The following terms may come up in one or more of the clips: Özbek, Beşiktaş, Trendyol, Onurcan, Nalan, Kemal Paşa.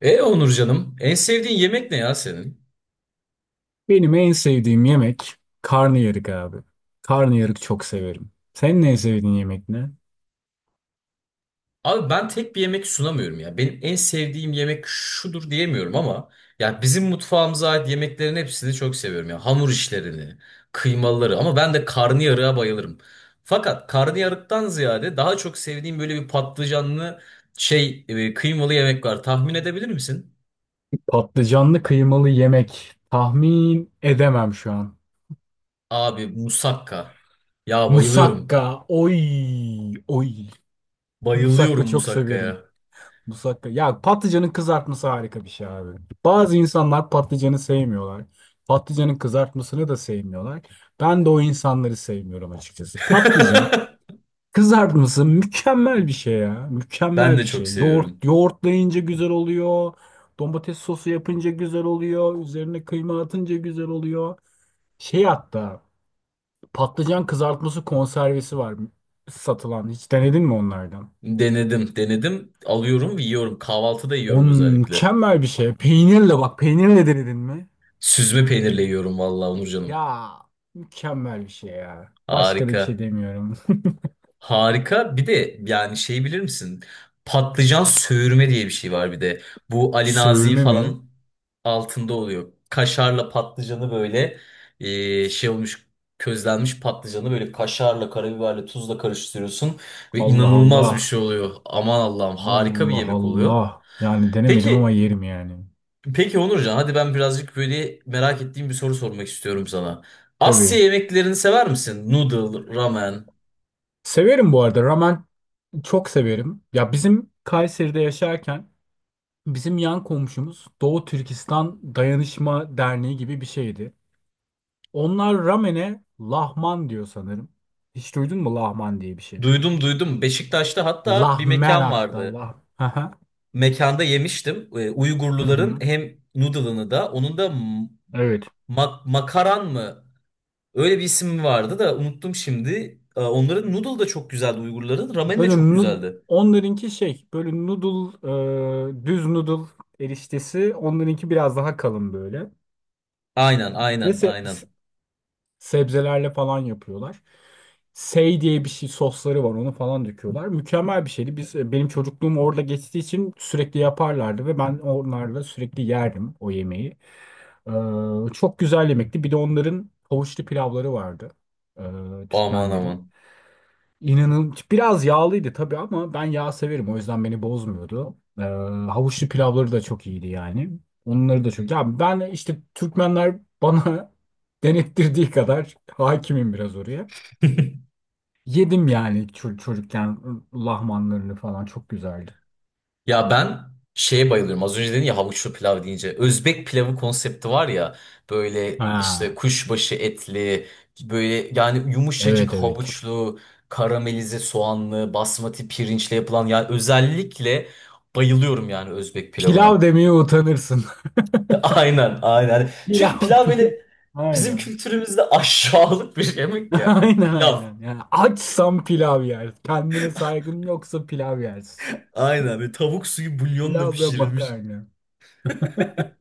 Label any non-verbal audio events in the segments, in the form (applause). Onur canım, en sevdiğin yemek ne ya senin? Benim en sevdiğim yemek karnıyarık abi. Karnıyarık çok severim. Senin en sevdiğin yemek ne? Abi ben tek bir yemek sunamıyorum ya. Benim en sevdiğim yemek şudur diyemiyorum ama ya bizim mutfağımıza ait yemeklerin hepsini çok seviyorum ya. Hamur işlerini, kıymaları ama ben de karnıyarığa bayılırım. Fakat karnıyarıktan ziyade daha çok sevdiğim böyle bir patlıcanlı şey kıymalı yemek var. Tahmin edebilir misin? Patlıcanlı kıymalı yemek. Tahmin edemem şu an. Abi musakka. Ya Musakka. bayılıyorum. Oy, oy. Musakka Bayılıyorum çok severim. musakkaya. Musakka. Ya patlıcanın kızartması harika bir şey abi. Bazı insanlar patlıcanı sevmiyorlar. Patlıcanın kızartmasını da sevmiyorlar. Ben de o insanları sevmiyorum açıkçası. Patlıcan (laughs) kızartması mükemmel bir şey ya. Ben Mükemmel de bir çok şey. seviyorum. Yoğurt, yoğurtlayınca güzel oluyor. Domates sosu yapınca güzel oluyor. Üzerine kıyma atınca güzel oluyor. Şey, hatta patlıcan kızartması konservesi var satılan. Hiç denedin mi onlardan? Denedim, denedim. Alıyorum ve yiyorum. Kahvaltıda On yiyorum özellikle. mükemmel bir şey. Peynirle, bak, peynirle denedin mi? Süzme peynirle yiyorum vallahi Onurcanım. Ya, mükemmel bir şey ya. Başka da bir şey Harika. demiyorum. Harika. Bir de yani şey bilir misin? Patlıcan söğürme diye bir şey var bir de. Bu (laughs) Ali Nazik Söğürme mi? falan altında oluyor. Kaşarla patlıcanı böyle şey olmuş közlenmiş patlıcanı böyle kaşarla, karabiberle, tuzla karıştırıyorsun ve Allah inanılmaz bir Allah. şey oluyor. Aman Allah'ım harika bir Allah yemek oluyor. Allah. Yani denemedim ama Peki yerim yani. Peki Onurcan, hadi ben birazcık böyle merak ettiğim bir soru sormak istiyorum sana. Asya Tabii. yemeklerini sever misin? Noodle, ramen. Severim bu arada. Ramen çok severim. Ya bizim Kayseri'de yaşarken bizim yan komşumuz Doğu Türkistan Dayanışma Derneği gibi bir şeydi. Onlar ramene lahman diyor sanırım. Hiç duydun mu lahman diye bir şey? Duydum duydum. Beşiktaş'ta hatta bir Lahmen, mekan hatta vardı. lah. (laughs) Hı hı. Mekanda yemiştim. Uygurluların hem noodle'ını da onun da Evet. Makaran mı? Öyle bir isim vardı da unuttum şimdi. Onların noodle da çok güzeldi Uygurların. Ramen de Böyle çok güzeldi. onlarınki şey böyle noodle, düz noodle eriştesi onlarınki biraz daha kalın böyle. Aynen Ve aynen aynen. sebzelerle falan yapıyorlar. Sey diye bir şey sosları var, onu falan döküyorlar. Mükemmel bir şeydi. Biz, benim çocukluğum orada geçtiği için sürekli yaparlardı ve ben onlarla sürekli yerdim o yemeği. Çok güzel yemekti. Bir de onların havuçlu pilavları vardı. Ee, Aman Türkmenlerin. aman. İnanın biraz yağlıydı tabii ama ben yağ severim, o yüzden beni bozmuyordu. Havuçlu pilavları da çok iyiydi yani. Onları da çok. Ya ben işte Türkmenler bana (laughs) denettirdiği kadar hakimim biraz oraya. Yedim yani çocukken lahmanlarını falan çok güzeldi. Ya ben şeye bayılıyorum. Az önce dedin ya havuçlu pilav deyince. Özbek pilavı konsepti var ya. Böyle işte Ha, kuşbaşı etli, böyle yani yumuşacık evet evet. havuçlu, karamelize soğanlı, basmati pirinçle yapılan yani özellikle bayılıyorum yani Özbek Pilav pilavına. demeye utanırsın. (laughs) Aynen, aynen. (laughs) Çünkü Pilav pilav pilav. böyle bizim Aynen. kültürümüzde aşağılık bir şey, (laughs) yemek ya. Aynen Pilav. aynen. Yani açsan pilav yer. Kendine saygın yoksa pilav yersin. (laughs) Aynen böyle tavuk suyu bulyonla Pilav ve pişirilmiş. makarna. (laughs)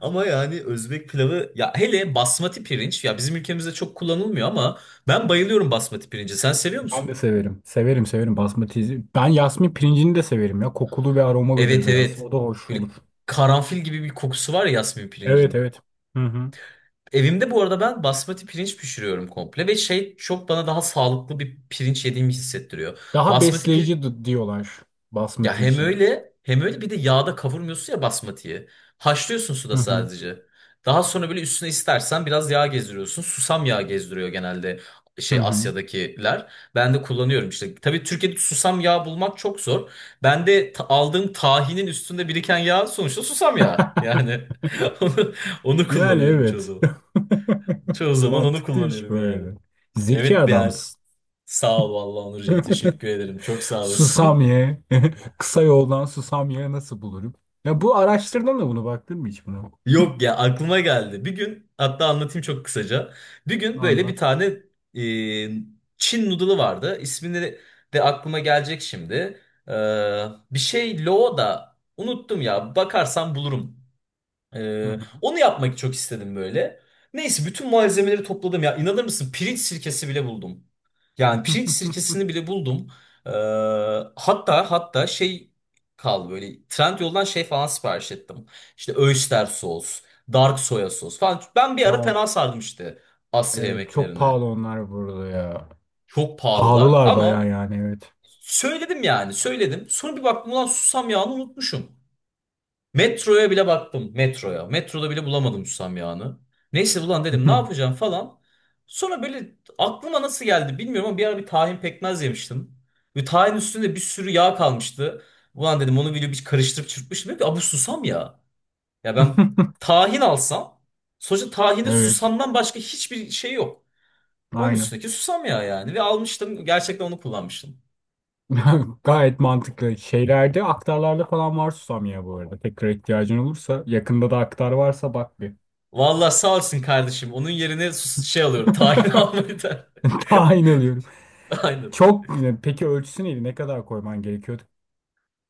Ama yani Özbek pilavı ya hele basmati pirinç ya bizim ülkemizde çok kullanılmıyor ama ben bayılıyorum basmati pirinci. Sen seviyor Ben de musun? severim. Severim severim basmati. Ben yasmin pirincini de severim ya. Kokulu ve aromalıdır Evet biraz. evet. O da hoş Böyle olur. karanfil gibi bir kokusu var ya yasmin Evet pirincin. evet. Hı hı. Evimde bu arada ben basmati pirinç pişiriyorum komple ve şey çok bana daha sağlıklı bir pirinç yediğimi hissettiriyor. Daha Basmati pir- besleyici diyorlar Ya basmati hem için. öyle hem öyle bir de yağda kavurmuyorsun ya basmatiyi. Haşlıyorsun suda Hı hı. sadece. Daha sonra böyle üstüne istersen biraz yağ gezdiriyorsun. Susam yağı gezdiriyor genelde Hı şey hı. Asya'dakiler. Ben de kullanıyorum işte. Tabii Türkiye'de susam yağı bulmak çok zor. Ben de aldığım tahinin üstünde biriken yağ sonuçta susam yağı. Yani (laughs) onu, onu Yani kullanıyorum çoğu evet. zaman. Çoğu (laughs) zaman onu Mantıklıymış kullanıyorum böyle yani. de. Zeki Evet yani adamsın. sağ ol vallahi Onurcuğum (laughs) teşekkür ederim. Çok sağ Susam olasın. (laughs) ye. (laughs) Kısa yoldan susam ye, nasıl bulurum? Ya bu araştırdın da bunu baktın mı hiç buna? Yok ya aklıma geldi. Bir gün hatta anlatayım çok kısaca. Bir gün böyle bir Anlat. tane e, Çin noodle'ı vardı. İsmini de aklıma gelecek şimdi. Ee, bir şey lo da unuttum ya. Bakarsam bulurum. Hı hı. Onu yapmak çok istedim böyle. Neyse bütün malzemeleri topladım ya. İnanır mısın pirinç sirkesi bile buldum. Yani pirinç sirkesini bile buldum. Ee, hatta şey kaldı böyle Trendyol'dan şey falan sipariş ettim. İşte Oyster sos, dark soya sos falan. Ben (laughs) bir Ya, ara fena sardım işte Asya evet çok yemeklerini. pahalı onlar burada ya. Çok pahalılar Pahalılar bayağı ama yani, evet. söyledim yani söyledim. Sonra bir baktım ulan susam yağını unutmuşum. Metroya bile baktım. Metroya. Metroda bile bulamadım susam yağını. Neyse ulan dedim ne yapacağım falan. Sonra böyle aklıma nasıl geldi bilmiyorum ama bir ara bir tahin pekmez yemiştim. Ve tahin üstünde bir sürü yağ kalmıştı. Ulan dedim onu video bir karıştırıp çırpmıştım. Dedim ki "Aa, bu susam ya. Ya ben (laughs) tahin alsam sonuçta tahinde Evet, susamdan başka hiçbir şey yok. Onun aynen. üstündeki susam yağı yani. Ve almıştım gerçekten onu kullanmıştım. (laughs) Gayet mantıklı. Şeylerde, aktarlarda falan var susam ya bu arada. Tekrar ihtiyacın olursa yakında da aktar varsa bak bir. Vallahi sağ olsun kardeşim. Onun yerine şey alıyorum. Tahin (laughs) (laughs) almayı da. Tahin alıyorum. (laughs) Aynen. Çok, peki ölçüsü neydi? Ne kadar koyman gerekiyordu?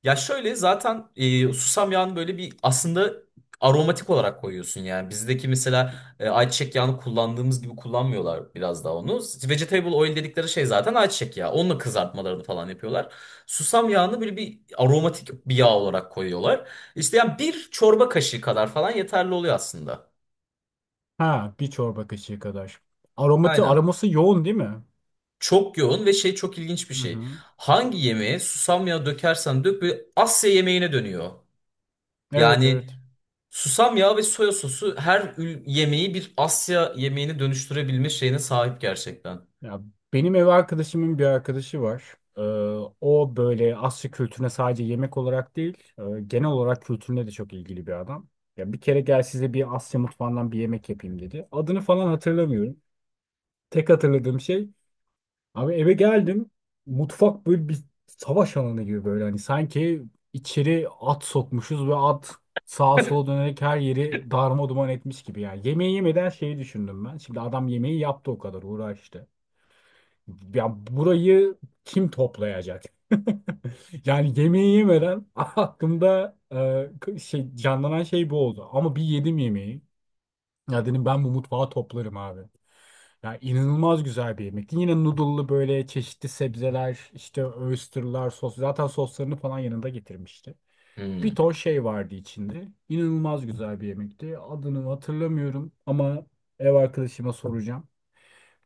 Ya şöyle zaten susam yağını böyle bir aslında aromatik olarak koyuyorsun yani. Bizdeki mesela ayçiçek yağını kullandığımız gibi kullanmıyorlar biraz daha onu. Vegetable oil dedikleri şey zaten ayçiçek yağı. Onunla kızartmalarını falan yapıyorlar. Susam yağını böyle bir aromatik bir yağ olarak koyuyorlar. İşte yani bir çorba kaşığı kadar falan yeterli oluyor aslında. Ha, bir çorba kaşığı kadar. Aromatı, Aynen. aroması yoğun değil mi? Çok yoğun ve şey çok ilginç bir Hı şey. hı. Hangi yemeğe susam yağı dökersen dök böyle Asya yemeğine dönüyor. Evet Yani evet. Susam yağı ve soya sosu her yemeği bir Asya yemeğini dönüştürebilme şeyine sahip gerçekten. Ya benim ev arkadaşımın bir arkadaşı var. O böyle Asya kültürüne sadece yemek olarak değil, genel olarak kültürüne de çok ilgili bir adam. Ya bir kere gel size bir Asya mutfağından bir yemek yapayım dedi. Adını falan hatırlamıyorum. Tek hatırladığım şey, abi eve geldim. Mutfak böyle bir savaş alanı gibi, böyle hani sanki içeri at sokmuşuz ve at sağa sola dönerek her yeri darma duman etmiş gibi yani. Yemeği yemeden şeyi düşündüm ben. Şimdi adam yemeği yaptı, o kadar uğraştı. Ya burayı kim toplayacak? (laughs) Yani yemeği yemeden (laughs) aklımda, şey canlanan şey bu oldu. Ama bir yedim yemeği. Ya dedim ben bu mutfağı toplarım abi. Ya inanılmaz güzel bir yemekti. Yine noodle'lı böyle çeşitli sebzeler, işte oyster'lar, sos. Zaten soslarını falan yanında getirmişti. Bir Hmm. ton şey vardı içinde. İnanılmaz güzel bir yemekti. Adını hatırlamıyorum ama ev arkadaşıma soracağım.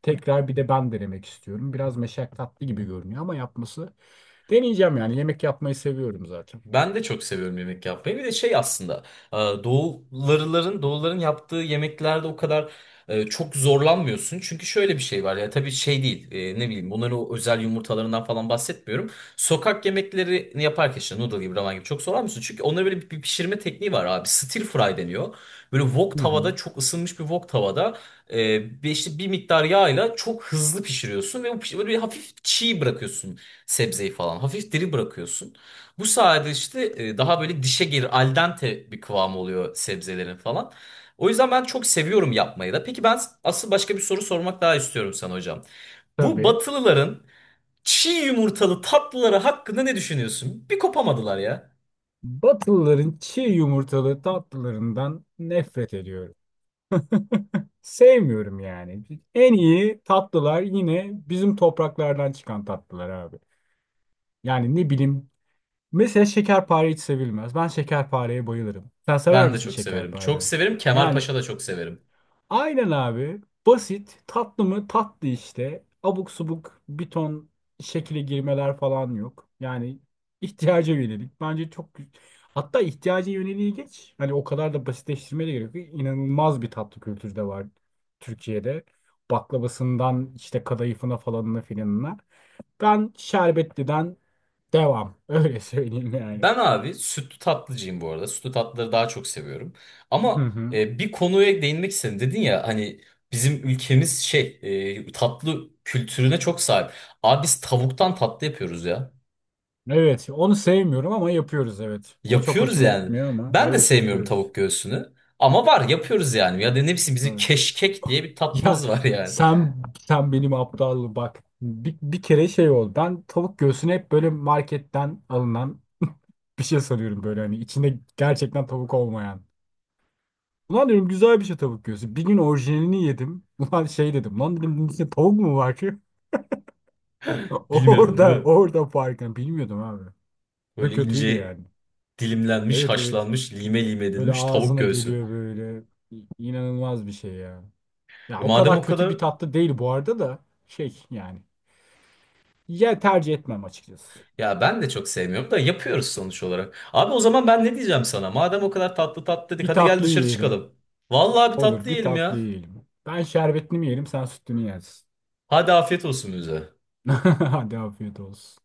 Tekrar bir de ben denemek istiyorum. Biraz meşakkatli gibi görünüyor ama yapması, deneyeceğim yani. Yemek yapmayı seviyorum zaten. Ben de çok seviyorum yemek yapmayı. Bir de şey aslında e, doğuların yaptığı yemeklerde o kadar çok zorlanmıyorsun. Çünkü şöyle bir şey var ya tabii şey değil ne bileyim bunların o özel yumurtalarından falan bahsetmiyorum. Sokak yemeklerini yaparken işte noodle gibi ramen gibi çok zorlanmıyorsun. Çünkü onlara böyle bir pişirme tekniği var abi. Stir fry deniyor. Böyle wok Hı hı. tavada çok ısınmış bir wok tavada bir işte bir miktar yağla çok hızlı pişiriyorsun ve o böyle bir hafif çiğ bırakıyorsun sebzeyi falan. Hafif diri bırakıyorsun. Bu sayede işte daha böyle dişe gelir al dente bir kıvamı oluyor sebzelerin falan. O yüzden ben çok seviyorum yapmayı da. Peki ben asıl başka bir soru sormak daha istiyorum sana hocam. Bu Tabii. Batılıların çiğ yumurtalı tatlıları hakkında ne düşünüyorsun? Bir kopamadılar ya. Batılıların çiğ yumurtalı tatlılarından nefret ediyorum. (laughs) Sevmiyorum yani. En iyi tatlılar yine bizim topraklardan çıkan tatlılar abi. Yani ne bileyim. Mesela şekerpare hiç sevilmez. Ben şekerpareye bayılırım. Sen sever Ben de misin çok severim. Çok şekerpare? severim. Kemal Yani Paşa da çok severim. aynen abi. Basit. Tatlı mı? Tatlı işte. Abuk subuk bir ton şekile girmeler falan yok. Yani ihtiyaca yönelik. Bence çok hatta ihtiyaca yöneliği geç. Hani o kadar da basitleştirmeye de gerek yok. İnanılmaz bir tatlı kültürü de var Türkiye'de. Baklavasından işte kadayıfına falanına filanına. Ben şerbetliden devam. (laughs) Öyle söyleyeyim yani. Ben abi sütlü tatlıcıyım bu arada. Sütlü tatlıları daha çok seviyorum. Hı Ama hı. Bir konuya değinmek istedim. Dedin ya hani bizim ülkemiz şey tatlı kültürüne çok sahip. Abi biz tavuktan tatlı yapıyoruz ya. Evet, onu sevmiyorum ama yapıyoruz, evet. O çok Yapıyoruz hoşuma yani. gitmiyor ama Ben de evet, sevmiyorum yapıyoruz. tavuk göğsünü. Ama var yapıyoruz yani. Ya da ne bileyim bizim Evet. (laughs) keşkek diye bir Ya tatlımız var yani. sen, benim aptallığım bak. Bir kere şey oldu. Ben tavuk göğsünü hep böyle marketten alınan (laughs) bir şey sanıyorum, böyle hani içinde gerçekten tavuk olmayan. Ulan diyorum güzel bir şey tavuk göğsü. Bir gün orijinalini yedim. Ulan şey dedim. Lan dedim bunun içinde tavuk mu var ki? (laughs) Bilmiyordun değil Orada mi? orada farkını bilmiyordum abi. Ve Böyle kötüydü ince yani. dilimlenmiş, Evet evet. haşlanmış, lime lime Böyle edilmiş tavuk ağzına göğsü. geliyor böyle. İnanılmaz bir şey ya. Ya E, o madem kadar o kötü kadar bir tatlı değil bu arada da, şey yani. Ya tercih etmem açıkçası. Ya ben de çok sevmiyorum da yapıyoruz sonuç olarak. Abi o zaman ben ne diyeceğim sana? Madem o kadar tatlı tatlı dedik Bir hadi gel tatlı dışarı yiyelim. çıkalım. Vallahi bir Olur, tatlı bir yiyelim tatlı ya. yiyelim. Ben şerbetini mi yerim, sen sütünü yersin. Hadi afiyet olsun bize. (laughs) Hadi afiyet olsun.